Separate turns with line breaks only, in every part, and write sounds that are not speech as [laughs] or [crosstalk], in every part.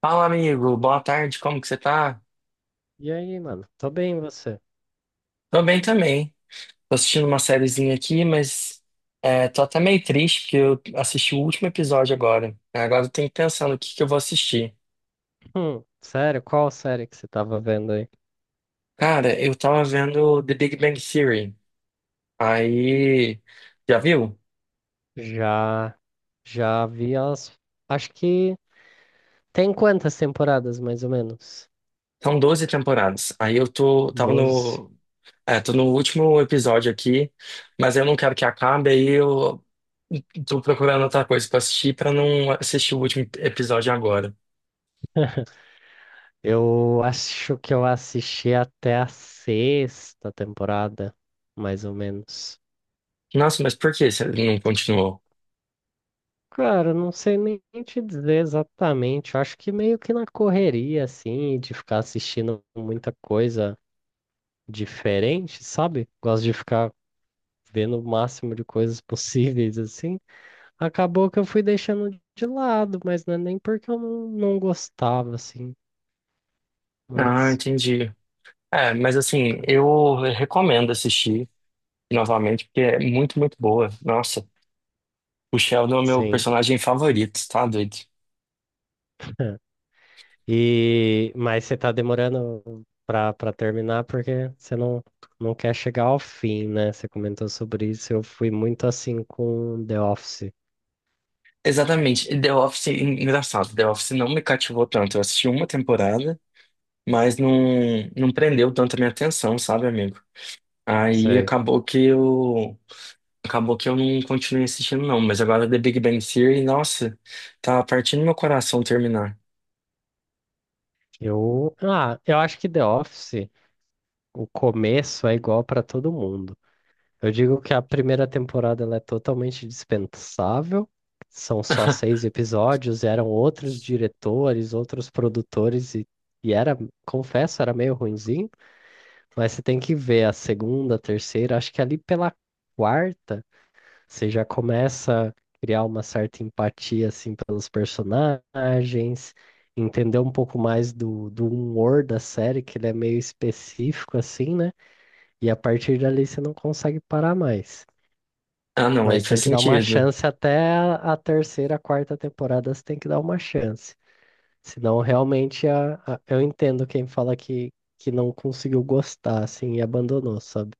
Fala, amigo. Boa tarde. Como que você tá?
E aí, mano? Tô bem, e você?
Tô bem também. Tô assistindo uma sériezinha aqui, mas tô até meio triste porque eu assisti o último episódio agora. Agora eu tenho que pensar no que eu vou assistir.
Sério? Qual série que você tava vendo aí?
Cara, eu tava vendo The Big Bang Theory. Aí, já viu?
Já, já vi as. Acho que tem quantas temporadas, mais ou menos?
São 12 temporadas. Aí eu
Doze.
tô no último episódio aqui, mas eu não quero que acabe, aí eu tô procurando outra coisa pra assistir pra não assistir o último episódio agora.
Eu acho que eu assisti até a sexta temporada, mais ou menos.
Nossa, mas por que você não continuou?
Cara, eu não sei nem te dizer exatamente. Eu acho que meio que na correria, assim, de ficar assistindo muita coisa diferente, sabe? Gosto de ficar vendo o máximo de coisas possíveis, assim, acabou que eu fui deixando de lado, mas não é nem porque eu não gostava, assim,
Ah,
mas
entendi. É, mas assim, eu recomendo assistir novamente, porque é muito, muito boa. Nossa, o Sheldon é o meu
sim.
personagem favorito, tá doido?
E mas você tá demorando pra terminar porque você não quer chegar ao fim, né? Você comentou sobre isso, eu fui muito assim com The Office.
Exatamente. The Office, engraçado, The Office não me cativou tanto. Eu assisti uma temporada, mas não prendeu tanto a minha atenção, sabe, amigo? Aí
Sei.
acabou que eu. Acabou que eu não continuei assistindo, não. Mas agora The Big Bang Theory, nossa, tá partindo meu coração terminar.
Eu acho que The Office, o começo é igual pra todo mundo. Eu digo que a primeira temporada ela é totalmente dispensável, são só
[laughs]
seis episódios, eram outros diretores, outros produtores, e era, confesso, era meio ruinzinho, mas você tem que ver a segunda, a terceira, acho que ali pela quarta você já começa a criar uma certa empatia assim pelos personagens, entender um pouco mais do, do humor da série, que ele é meio específico assim, né? E a partir dali você não consegue parar mais.
Ah, não, aí
Mas
faz
tem que dar uma
sentido.
chance até a terceira, quarta temporada, você tem que dar uma chance. Senão, realmente, eu entendo quem fala que não conseguiu gostar, assim, e abandonou, sabe?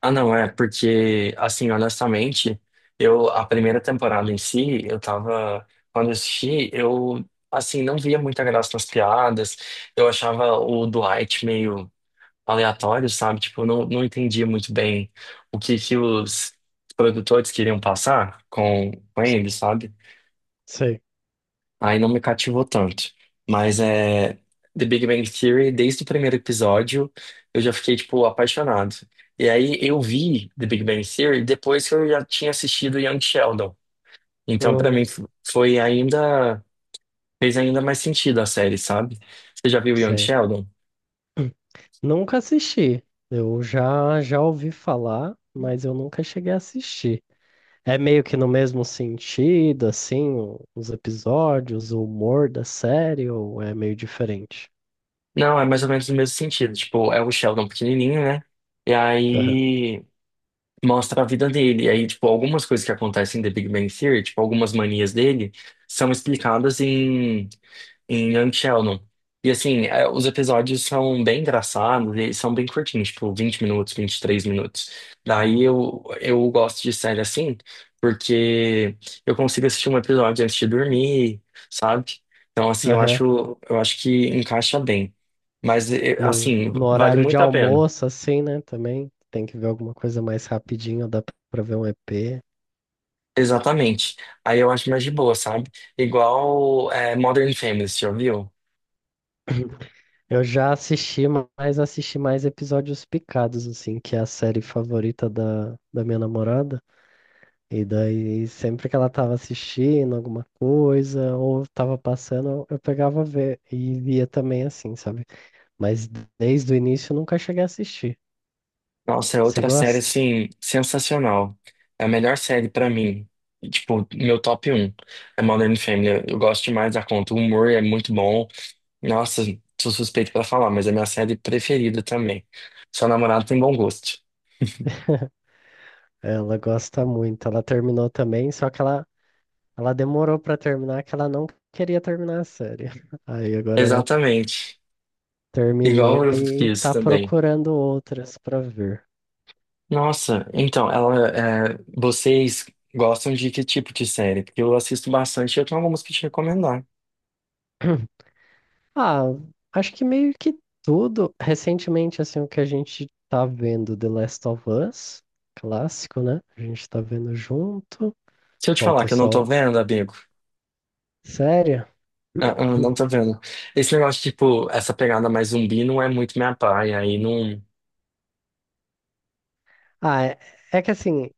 Ah, não, é, porque, assim, honestamente, eu, a primeira temporada em si, eu tava, quando eu assisti, eu, assim, não via muita graça nas piadas, eu achava o Dwight meio aleatório, sabe? Tipo, eu não entendia muito bem o que que os produtores queriam passar com ele, sabe?
Sei.
Aí não me cativou tanto. Mas é The Big Bang Theory, desde o primeiro episódio, eu já fiquei, tipo, apaixonado. E aí eu vi The Big Bang Theory depois que eu já tinha assistido Young Sheldon. Então, pra mim,
Hum.
foi ainda. Fez ainda mais sentido a série, sabe? Você já viu Young
Sei.
Sheldon?
Nunca assisti. Eu já ouvi falar, mas eu nunca cheguei a assistir. É meio que no mesmo sentido, assim, o- os episódios, o humor da série, ou é meio diferente?
Não, é mais ou menos o mesmo sentido. Tipo, é o Sheldon pequenininho, né? E
Aham.
aí mostra a vida dele. E aí, tipo, algumas coisas que acontecem em The Big Bang Theory, tipo, algumas manias dele, são explicadas em Young Sheldon. E assim, os episódios são bem engraçados eles são bem curtinhos, tipo, 20 minutos, 23 minutos. Daí eu gosto de série assim, porque eu consigo assistir um episódio antes de dormir, sabe? Então, assim, eu
Aham.
acho, eu acho que encaixa bem. Mas,
no,
assim,
no
vale
horário de
muito a pena.
almoço, assim, né? Também tem que ver alguma coisa mais rapidinho, dá pra ver um EP.
Exatamente. Aí eu acho mais de boa, sabe? Igual é, Modern Family, você já viu?
Eu já assisti, mas assisti mais episódios picados, assim, que é a série favorita da minha namorada. E daí, sempre que ela tava assistindo alguma coisa, ou tava passando, eu pegava ver e via também, assim, sabe? Mas desde o início eu nunca cheguei a assistir.
Nossa, é
Você
outra série,
gosta?
assim, sensacional. É a melhor série pra mim. Tipo, meu top 1 é Modern Family. Eu gosto demais da conta. O humor é muito bom. Nossa, sou suspeito pra falar, mas é minha série preferida também. Seu namorado tem bom gosto.
Ela gosta muito. Ela terminou também, só que ela ela demorou pra terminar que ela não queria terminar a série. [laughs] Aí agora ela
Exatamente. Igual
terminou
eu
e
fiz
tá
também.
procurando outras pra ver.
Nossa, então, vocês gostam de que tipo de série? Porque eu assisto bastante e eu tenho algumas pra te recomendar.
[clears throat] Ah, acho que meio que tudo. Recentemente, assim, o que a gente tá vendo, The Last of Us, clássico, né? A gente tá vendo junto.
Se eu te falar
Falta
que eu não
só
tô
o-
vendo, amigo,
série.
não
[clears throat]
tô vendo. Esse negócio, tipo, essa pegada mais zumbi não é muito minha praia, aí não.
Ah, é, é que assim,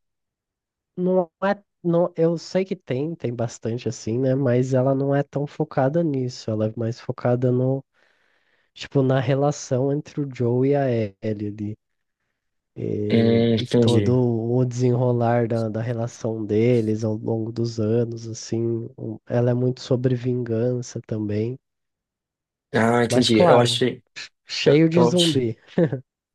não é. Não, eu sei que tem, tem bastante assim, né? Mas ela não é tão focada nisso. Ela é mais focada no tipo, na relação entre o Joe e a Ellie ali. E todo
Entendi.
o desenrolar da relação deles ao longo dos anos, assim, um- ela é muito sobre vingança também.
Ah,
Mas
entendi. Eu
claro,
achei. Eu,
cheio de
eu,
zumbi,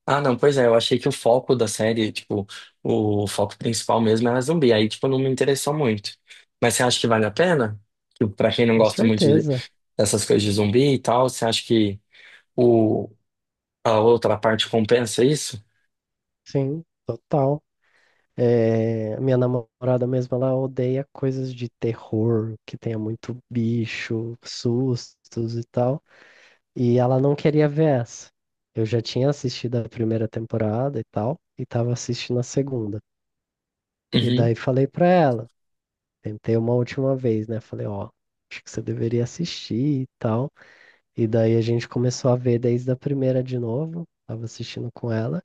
Ah, não, pois é, eu achei que o foco da série, tipo, o foco principal mesmo era zumbi, aí, tipo, não me interessou muito. Mas você acha que vale a pena? Tipo, pra quem não
com
gosta muito
certeza,
dessas coisas de zumbi e tal, você acha que o, a outra parte compensa isso?
sim, total. É, minha namorada mesmo, ela odeia coisas de terror, que tenha muito bicho, sustos e tal. E ela não queria ver essa. Eu já tinha assistido a primeira temporada e tal, e tava assistindo a segunda. E
Uhum.
daí falei pra ela, tentei uma última vez, né? Falei, ó, acho que você deveria assistir e tal. E daí a gente começou a ver desde a primeira de novo, tava assistindo com ela,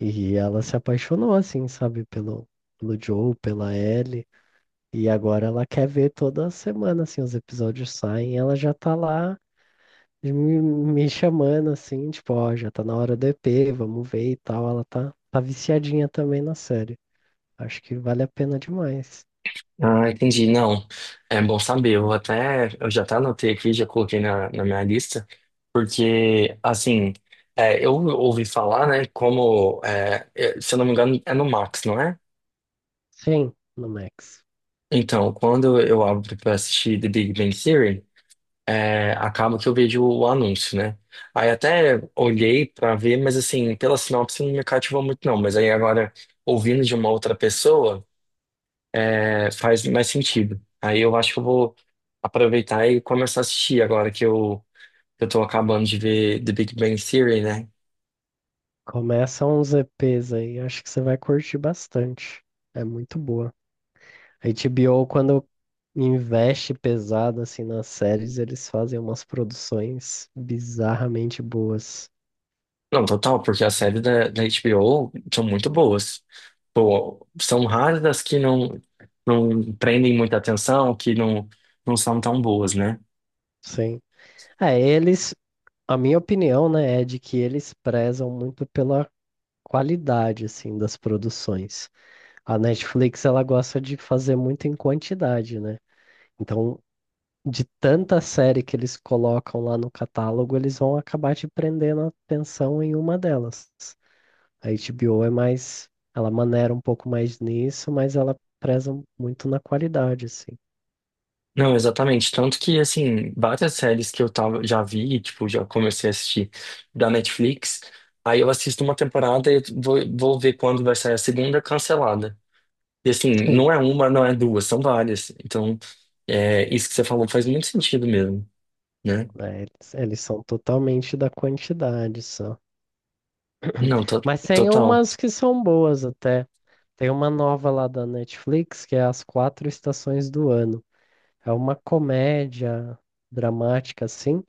e ela se apaixonou, assim, sabe, pelo, pelo Joe, pela Ellie. E agora ela quer ver toda semana, assim, os episódios saem, ela já tá lá e me chamando assim, tipo, ó, já tá na hora do EP, vamos ver e tal. Ela tá viciadinha também na série. Acho que vale a pena demais.
Ah, entendi. Não, é bom saber. Eu já até anotei aqui, já coloquei na minha lista, porque, assim, eu ouvi falar, né, como, se eu não me engano, é no Max, não é?
Sim, no Max.
Então, quando eu abro pra assistir The Big Bang Theory, acaba que eu vejo o anúncio, né? Aí até olhei pra ver, mas assim, pela sinopse não me cativou muito não. Mas aí agora, ouvindo de uma outra pessoa, faz mais sentido. Aí eu acho que eu vou aproveitar e começar a assistir agora que eu tô acabando de ver The Big Bang Theory, né?
Começa uns EPs aí, acho que você vai curtir bastante. É muito boa. A HBO, quando investe pesado assim nas séries, eles fazem umas produções bizarramente boas.
Não, total, porque as séries da HBO são muito boas. Pô, são raras as que não prendem muita atenção, que não são tão boas, né?
Sim. É, eles, a minha opinião, né, é de que eles prezam muito pela qualidade assim das produções. A Netflix ela gosta de fazer muito em quantidade, né? Então, de tanta série que eles colocam lá no catálogo, eles vão acabar te prendendo a atenção em uma delas. A HBO é mais, ela maneira um pouco mais nisso, mas ela preza muito na qualidade, assim.
Não, exatamente. Tanto que, assim, várias séries que eu tava, já vi, tipo, já comecei a assistir da Netflix, aí eu assisto uma temporada e vou ver quando vai sair a segunda cancelada. E, assim, não é
[laughs]
uma, não é duas, são várias. Então, isso que você falou faz muito sentido mesmo, né?
É, eles são totalmente da quantidade, só.
Não,
Mas tem
total.
umas que são boas até. Tem uma nova lá da Netflix que é As Quatro Estações do Ano. É uma comédia dramática, assim,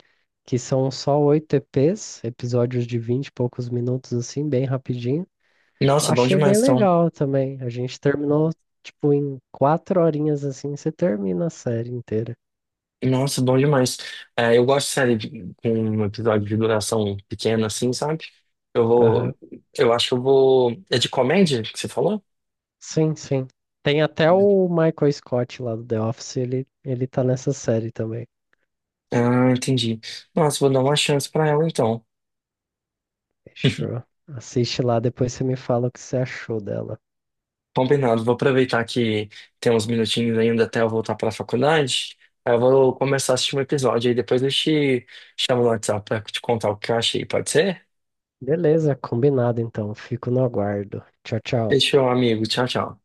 que são só oito EPs, episódios de vinte e poucos minutos, assim, bem rapidinho. Eu
Nossa, bom
achei bem
demais, então.
legal também. A gente terminou, tipo, em quatro horinhas, assim, você termina a série inteira.
Nossa, bom demais. É, eu gosto de série com um episódio de duração pequena, assim, sabe? Eu
Aham.
vou. Eu acho que eu vou. É de comédia que você falou?
Sim, sim. Tem até o Michael Scott lá do The Office, ele tá nessa série também.
Ah, entendi. Nossa, vou dar uma chance pra ela, então.
Fechou. Assiste lá, depois você me fala o que você achou dela.
Combinado, vou aproveitar que tem uns minutinhos ainda até eu voltar pra faculdade. Aí eu vou começar a assistir um episódio, aí depois eu te chamo no WhatsApp pra te contar o que eu achei, pode ser?
Beleza, combinado então. Fico no aguardo. Tchau, tchau.
Fechou, amigo. Tchau, tchau.